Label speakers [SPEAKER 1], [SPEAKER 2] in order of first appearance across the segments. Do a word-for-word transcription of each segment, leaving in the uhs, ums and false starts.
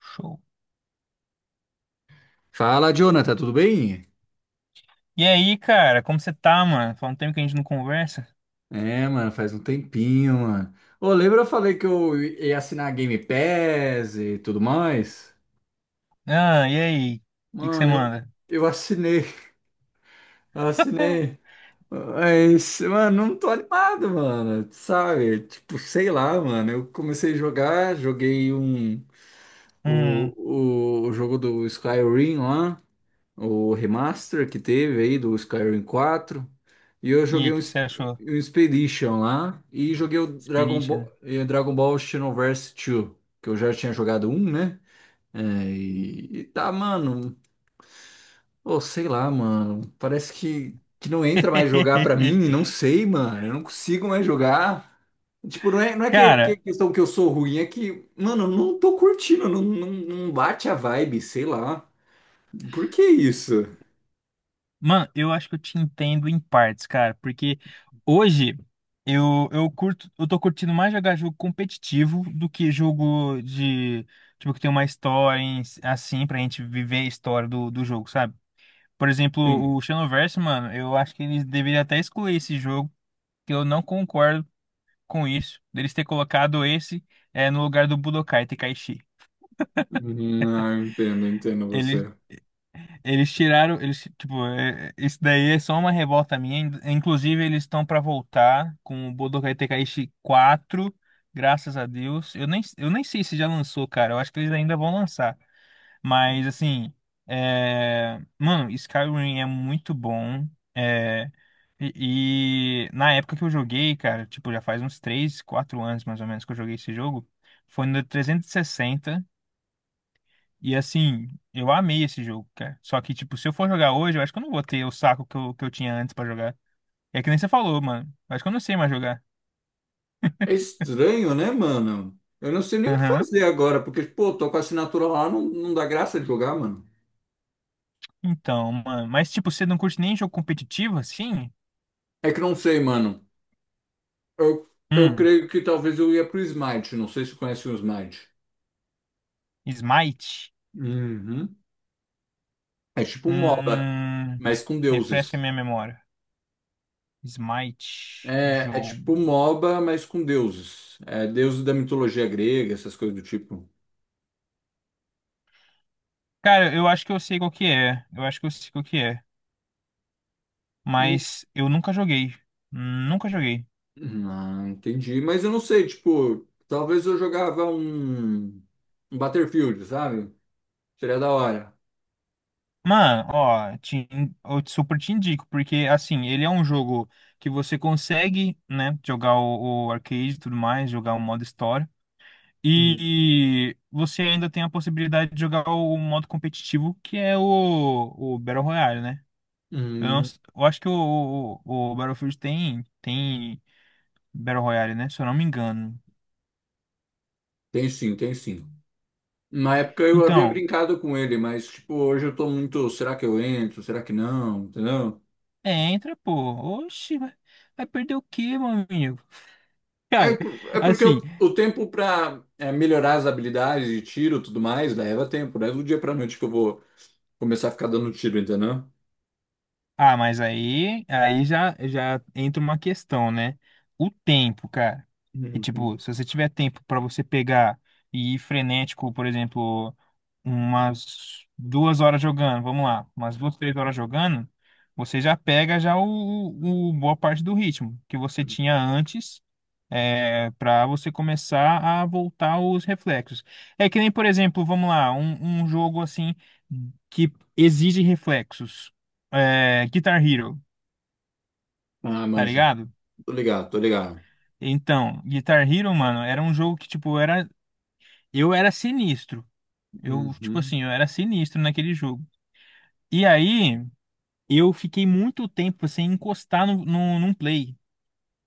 [SPEAKER 1] Show.
[SPEAKER 2] Fala, Jonathan, tudo bem?
[SPEAKER 1] E aí, cara, como você tá, mano? Faz um tempo que a gente não conversa.
[SPEAKER 2] É, mano, faz um tempinho, mano. Ô, lembra eu falei que eu ia assinar a Game Pass e tudo mais?
[SPEAKER 1] Ah, e aí? O que que você
[SPEAKER 2] Mano, eu,
[SPEAKER 1] manda?
[SPEAKER 2] eu assinei, assinei. Mas, mano, não tô animado, mano, sabe? Tipo, sei lá, mano, eu comecei a jogar, joguei um,
[SPEAKER 1] Hum.
[SPEAKER 2] o, o, o jogo do Skyrim lá. O remaster que teve aí do Skyrim quatro. E eu
[SPEAKER 1] E aí,
[SPEAKER 2] joguei
[SPEAKER 1] o
[SPEAKER 2] um,
[SPEAKER 1] que você
[SPEAKER 2] Ex-
[SPEAKER 1] achou?
[SPEAKER 2] um Expedition lá e joguei o Dragon Ball,
[SPEAKER 1] Inspiration.
[SPEAKER 2] eh, Dragon Ball Xenoverse dois, que eu já tinha jogado um, né? É, e, e tá, mano, ou sei lá, mano, parece que, que não entra mais jogar pra mim, não sei, mano, eu não consigo mais jogar. Tipo, não é, não é que, que é
[SPEAKER 1] Cara,
[SPEAKER 2] questão que eu sou ruim, é que, mano, eu não tô curtindo, não, não, não bate a vibe, sei lá. Por que isso?
[SPEAKER 1] mano, eu acho que eu te entendo em partes, cara, porque hoje eu, eu curto, eu tô curtindo mais jogar jogo competitivo do que jogo de, tipo, que tem uma história em- si, assim pra gente viver a história do, do jogo, sabe? Por exemplo, o Xenoverse, mano, eu acho que eles deveriam até excluir esse jogo que eu não concordo com isso, deles ter colocado esse é, no lugar do Budokai Tenkaichi.
[SPEAKER 2] Uhum. Ah, entendo, entendo
[SPEAKER 1] Eles,
[SPEAKER 2] você.
[SPEAKER 1] eles tiraram, eles, tipo, é, isso daí é só uma revolta minha. In- Inclusive, eles estão para voltar com o Budokai Tenkaichi quatro, graças a Deus. Eu nem, eu nem sei se já lançou, cara. Eu acho que eles ainda vão lançar. Mas assim, é... mano, Skyrim é muito bom. É... E, e na época que eu joguei, cara, tipo, já faz uns três, quatro anos mais ou menos que eu joguei esse jogo, foi no trezentos e sessenta. E sessenta. E assim, eu amei esse jogo, cara. Só que, tipo, se eu for jogar hoje, eu acho que eu não vou ter o saco que eu, que eu tinha antes pra jogar. É que nem você falou, mano. Eu acho que eu não sei mais jogar.
[SPEAKER 2] É estranho, né, mano? Eu não sei nem o que
[SPEAKER 1] Aham.
[SPEAKER 2] fazer agora, porque, pô, tô com a assinatura lá, não, não dá graça de jogar, mano.
[SPEAKER 1] Então, mano. Mas, tipo, você não curte nem jogo competitivo, assim?
[SPEAKER 2] É que não sei, mano. Eu, eu
[SPEAKER 1] Hum.
[SPEAKER 2] creio que talvez eu ia pro Smite, não sei se conhece o Smite.
[SPEAKER 1] Smite.
[SPEAKER 2] Uhum. É tipo um MOBA,
[SPEAKER 1] Hum.
[SPEAKER 2] mas com
[SPEAKER 1] Refresca
[SPEAKER 2] deuses.
[SPEAKER 1] minha memória. Smite,
[SPEAKER 2] É, é tipo
[SPEAKER 1] jogo.
[SPEAKER 2] um MOBA, mas com deuses. É deuses da mitologia grega, essas coisas do tipo.
[SPEAKER 1] Cara, eu acho que eu sei qual que é. Eu acho que eu sei qual que é. Mas eu nunca joguei. Nunca joguei.
[SPEAKER 2] Ah, entendi. Mas eu não sei, tipo, talvez eu jogava um, um Battlefield, sabe? Seria da hora.
[SPEAKER 1] Mano, ó, te, eu super te indico, porque assim, ele é um jogo que você consegue, né, jogar o, o arcade e tudo mais, jogar o modo história.
[SPEAKER 2] Hum.
[SPEAKER 1] E você ainda tem a possibilidade de jogar o modo competitivo, que é o, o Battle Royale, né? Eu, não
[SPEAKER 2] Hum,
[SPEAKER 1] s- eu acho que o, o, o Battlefield tem, tem Battle Royale, né? Se eu não me engano.
[SPEAKER 2] Tem sim, tem sim. Na época eu havia
[SPEAKER 1] Então,
[SPEAKER 2] brincado com ele, mas, tipo, hoje eu tô muito. Será que eu entro? Será que não? Entendeu?
[SPEAKER 1] é, entra, pô. Oxi, vai, vai perder o quê, meu amigo?
[SPEAKER 2] É,
[SPEAKER 1] Cara,
[SPEAKER 2] por- é porque
[SPEAKER 1] assim,
[SPEAKER 2] o, o tempo pra é, melhorar as habilidades de tiro e tudo mais leva tempo, né? Do dia pra noite que eu vou começar a ficar dando tiro, entendeu?
[SPEAKER 1] ah, mas aí, aí já, já entra uma questão, né? O tempo, cara. E
[SPEAKER 2] Uhum.
[SPEAKER 1] tipo, se você tiver tempo pra você pegar e ir frenético, por exemplo, umas duas horas jogando, vamos lá, umas duas, três horas jogando, você já pega já o, o o boa parte do ritmo que você tinha antes para você começar a voltar os reflexos. É que nem, por exemplo, vamos lá, um, um jogo assim que exige reflexos. É, Guitar Hero,
[SPEAKER 2] Ah,
[SPEAKER 1] tá
[SPEAKER 2] manjo.
[SPEAKER 1] ligado?
[SPEAKER 2] Tô ligado, tô ligado.
[SPEAKER 1] Então, Guitar Hero, mano, era um jogo que, tipo, era. Eu era sinistro. Eu, tipo
[SPEAKER 2] Uhum.
[SPEAKER 1] assim, eu era sinistro naquele jogo. E aí, eu fiquei muito tempo sem encostar no, no, num play.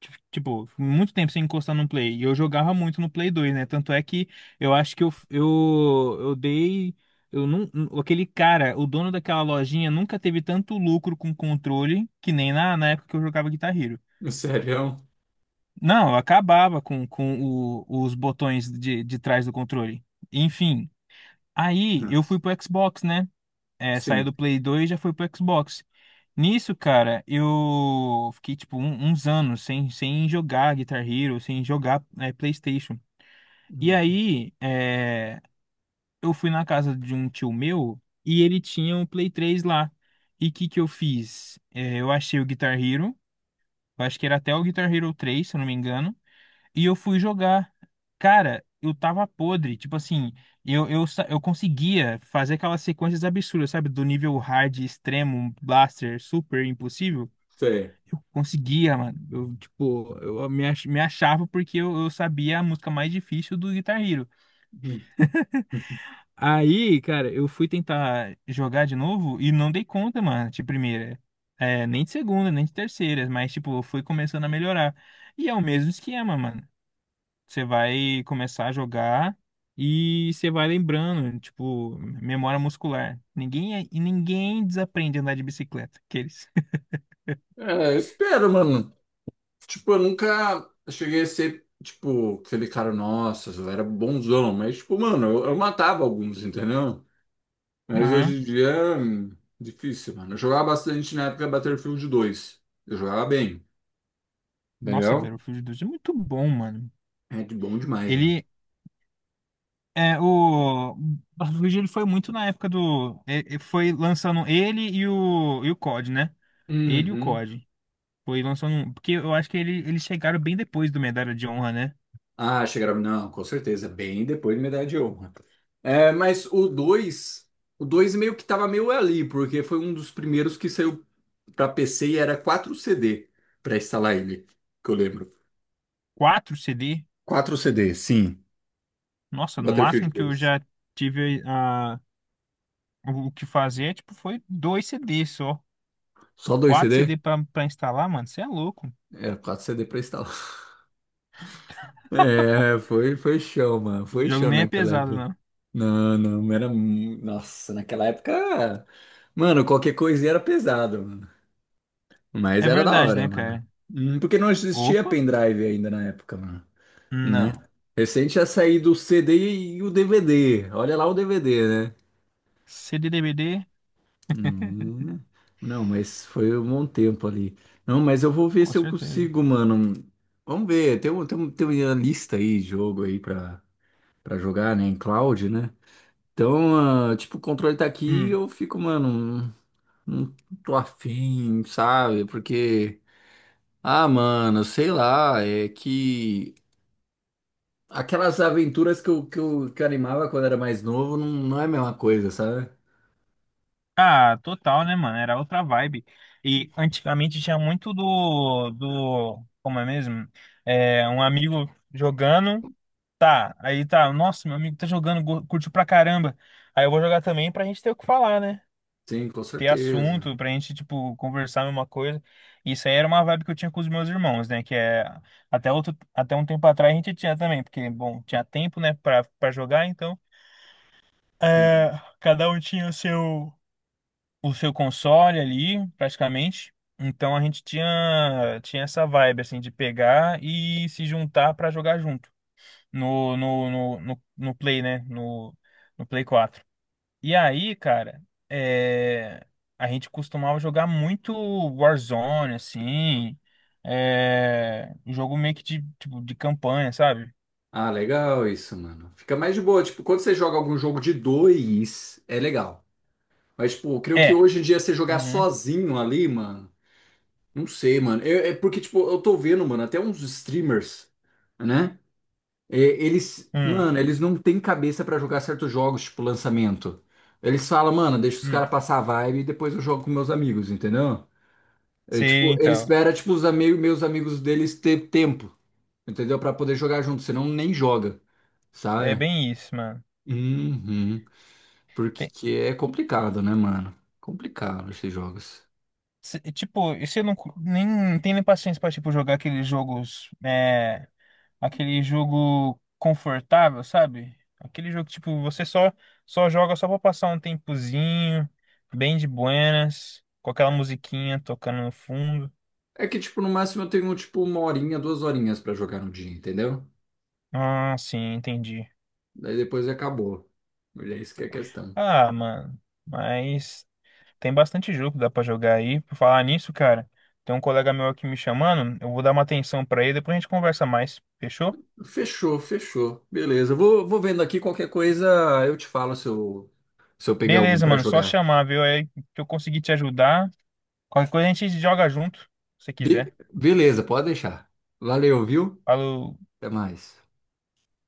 [SPEAKER 1] Ti- Tipo, muito tempo sem encostar no Play. E eu jogava muito no Play dois, né? Tanto é que eu acho que eu, eu, eu dei. Eu não, aquele cara, o dono daquela lojinha, nunca teve tanto lucro com controle que nem na, na época que eu jogava Guitar Hero.
[SPEAKER 2] Sério?
[SPEAKER 1] Não, eu acabava com, com o- os botões de, de trás do controle. Enfim, aí eu fui pro Xbox, né? é, saiu
[SPEAKER 2] Sim.
[SPEAKER 1] do Play dois e já foi pro Xbox. Nisso, cara, eu fiquei tipo um- uns anos sem, sem jogar Guitar Hero, sem jogar é, PlayStation. E
[SPEAKER 2] Hum.
[SPEAKER 1] aí, é, eu fui na casa de um tio meu e ele tinha um Play três lá. E o que que eu fiz? É, eu achei o Guitar Hero, eu acho que era até o Guitar Hero três, se eu não me engano. E eu fui jogar. Cara, eu tava podre. Tipo assim, eu, eu, sa- eu conseguia fazer aquelas sequências absurdas, sabe? Do nível hard, extremo, um blaster, super impossível.
[SPEAKER 2] Sei.
[SPEAKER 1] Eu conseguia, mano. Eu, tipo, eu me, ach- me achava porque eu, eu sabia a música mais difícil do Guitar Hero.
[SPEAKER 2] Hum.
[SPEAKER 1] Aí, cara, eu fui tentar jogar de novo e não dei conta, mano, de primeira. É, nem de segunda, nem de terceira, mas, tipo, eu fui começando a melhorar. E é o mesmo esquema, mano. Você vai começar a jogar e você vai lembrando, tipo, memória muscular. Ninguém é- e ninguém desaprende a andar de bicicleta, aqueles.
[SPEAKER 2] É, espero, mano. Tipo, eu nunca cheguei a ser, tipo, aquele cara, nossa, eu era bonzão. Mas, tipo, mano, eu, eu matava alguns, entendeu? Mas hoje
[SPEAKER 1] Aham.
[SPEAKER 2] em dia, é hum, difícil, mano. Eu jogava bastante na época Battlefield dois. Eu jogava bem,
[SPEAKER 1] Nossa,
[SPEAKER 2] entendeu?
[SPEAKER 1] Battlefield dois é muito bom, mano.
[SPEAKER 2] É de bom demais, mano.
[SPEAKER 1] Ele é o Battlefield. Ele foi muito na época do é- é- foi lançando ele e o e o C O D, né? Ele e o
[SPEAKER 2] Uhum.
[SPEAKER 1] C O D. Foi lançando, um- porque eu acho que ele, eles chegaram bem depois do Medalha de Honra, né?
[SPEAKER 2] Ah, chegaram. Não, com certeza. Bem depois de Medalha de Honra. É, mas o dois, o dois meio que tava meio ali, porque foi um dos primeiros que saiu pra P C e era quatro C D pra instalar ele, que eu lembro.
[SPEAKER 1] Quatro C D.
[SPEAKER 2] quatro C D, sim.
[SPEAKER 1] Nossa, no
[SPEAKER 2] Battlefield
[SPEAKER 1] máximo que eu
[SPEAKER 2] dois.
[SPEAKER 1] já tive a. O o que fazia é, tipo, foi dois C Ds só.
[SPEAKER 2] Só dois
[SPEAKER 1] Quatro
[SPEAKER 2] C D?
[SPEAKER 1] C D pra, pra instalar, mano. Você é louco.
[SPEAKER 2] Era quatro C D pra instalar. É, foi, foi show, mano.
[SPEAKER 1] O
[SPEAKER 2] Foi
[SPEAKER 1] jogo
[SPEAKER 2] show
[SPEAKER 1] nem é
[SPEAKER 2] naquela
[SPEAKER 1] pesado,
[SPEAKER 2] época.
[SPEAKER 1] não.
[SPEAKER 2] Não, não, era. mu- Nossa, naquela época. Mano, qualquer coisinha era pesado. Mas
[SPEAKER 1] É
[SPEAKER 2] era da
[SPEAKER 1] verdade,
[SPEAKER 2] hora,
[SPEAKER 1] né,
[SPEAKER 2] mano.
[SPEAKER 1] cara?
[SPEAKER 2] Hum, Porque não existia
[SPEAKER 1] Opa,
[SPEAKER 2] pendrive ainda na época, mano. Né?
[SPEAKER 1] não.
[SPEAKER 2] Recente ia sair do C D e o D V D. Olha lá o D V D, né?
[SPEAKER 1] C D D V D,
[SPEAKER 2] Hum. Não, mas foi um bom tempo ali. Não, mas eu vou ver
[SPEAKER 1] com
[SPEAKER 2] se eu
[SPEAKER 1] certeza.
[SPEAKER 2] consigo, mano. Vamos ver. Tem, um- tem, um- tem uma lista aí, de jogo aí pra, pra jogar, né? Em cloud, né? Então, ah, tipo, o controle tá aqui e
[SPEAKER 1] Hum.
[SPEAKER 2] eu fico, mano. Não não tô afim, sabe? Porque. Ah, mano, sei lá, é que aquelas aventuras que eu, que eu, que eu animava quando era mais novo não, não é a mesma coisa, sabe?
[SPEAKER 1] Ah, total, né, mano? Era outra vibe. E antigamente tinha muito do, do, como é mesmo? É, um amigo jogando, tá. Aí tá, nossa, meu amigo tá jogando, go- curtiu pra caramba. Aí eu vou jogar também pra gente ter o que falar, né?
[SPEAKER 2] Sim, com
[SPEAKER 1] Ter
[SPEAKER 2] certeza.
[SPEAKER 1] assunto pra gente, tipo, conversar a mesma coisa. Isso aí era uma vibe que eu tinha com os meus irmãos, né? Que é até outro, até um tempo atrás a gente tinha também, porque, bom, tinha tempo, né, pra, pra jogar, então
[SPEAKER 2] Sim.
[SPEAKER 1] é, cada um tinha o seu, o seu console ali, praticamente. Então a gente tinha, tinha essa vibe, assim, de pegar e se juntar pra jogar junto no, no, no, no, no Play, né? No, no Play quatro e aí, cara, é, a gente costumava jogar muito Warzone, assim, é, jogo meio que de, tipo, de campanha, sabe?
[SPEAKER 2] Ah, legal isso, mano. Fica mais de boa. Tipo, quando você joga algum jogo de dois, é legal. Mas, tipo, eu creio que
[SPEAKER 1] É.
[SPEAKER 2] hoje em dia você jogar
[SPEAKER 1] Uhum.
[SPEAKER 2] sozinho ali, mano, não sei, mano. Eu- é porque, tipo, eu tô vendo, mano, até uns streamers, né? É, eles,
[SPEAKER 1] Hum.
[SPEAKER 2] mano, eles não têm cabeça pra jogar certos jogos, tipo lançamento. Eles falam, mano, deixa os caras
[SPEAKER 1] Hum.
[SPEAKER 2] passar a vibe e depois eu jogo com meus amigos, entendeu? É,
[SPEAKER 1] Sim,
[SPEAKER 2] tipo, ele
[SPEAKER 1] então,
[SPEAKER 2] espera, tipo, os amigos, meus amigos deles ter tempo, entendeu? Pra poder jogar junto, senão nem joga,
[SPEAKER 1] é
[SPEAKER 2] sabe?
[SPEAKER 1] bem isso, mano.
[SPEAKER 2] Uhum.
[SPEAKER 1] Tem-
[SPEAKER 2] Porque é complicado, né, mano? Complicado esses jogos.
[SPEAKER 1] se- tipo, isso eu não, cu- nem, não tenho nem paciência pra, tipo, jogar aqueles jogos, eh, aquele jogo confortável, sabe? Aquele jogo que, tipo, você só só joga só pra passar um tempozinho, bem de buenas, com aquela musiquinha tocando no fundo.
[SPEAKER 2] É que, tipo, no máximo eu tenho, tipo, uma horinha, duas horinhas pra jogar no dia, entendeu?
[SPEAKER 1] Ah, sim, entendi.
[SPEAKER 2] Daí depois acabou. E é isso que é a questão.
[SPEAKER 1] Ah, mano, mas tem bastante jogo que dá pra jogar aí. Por falar nisso, cara, tem um colega meu aqui me chamando, eu vou dar uma atenção pra ele, depois a gente conversa mais, fechou?
[SPEAKER 2] Fechou, fechou. Beleza. Vou, vou vendo aqui qualquer coisa, eu te falo se eu, se eu peguei algum
[SPEAKER 1] Beleza,
[SPEAKER 2] pra
[SPEAKER 1] mano, só
[SPEAKER 2] jogar.
[SPEAKER 1] chamar, viu? Aí que eu consegui te ajudar. Qualquer coisa a gente joga junto, se
[SPEAKER 2] Be-
[SPEAKER 1] quiser.
[SPEAKER 2] beleza, pode deixar. Valeu, viu?
[SPEAKER 1] Falou.
[SPEAKER 2] Até mais.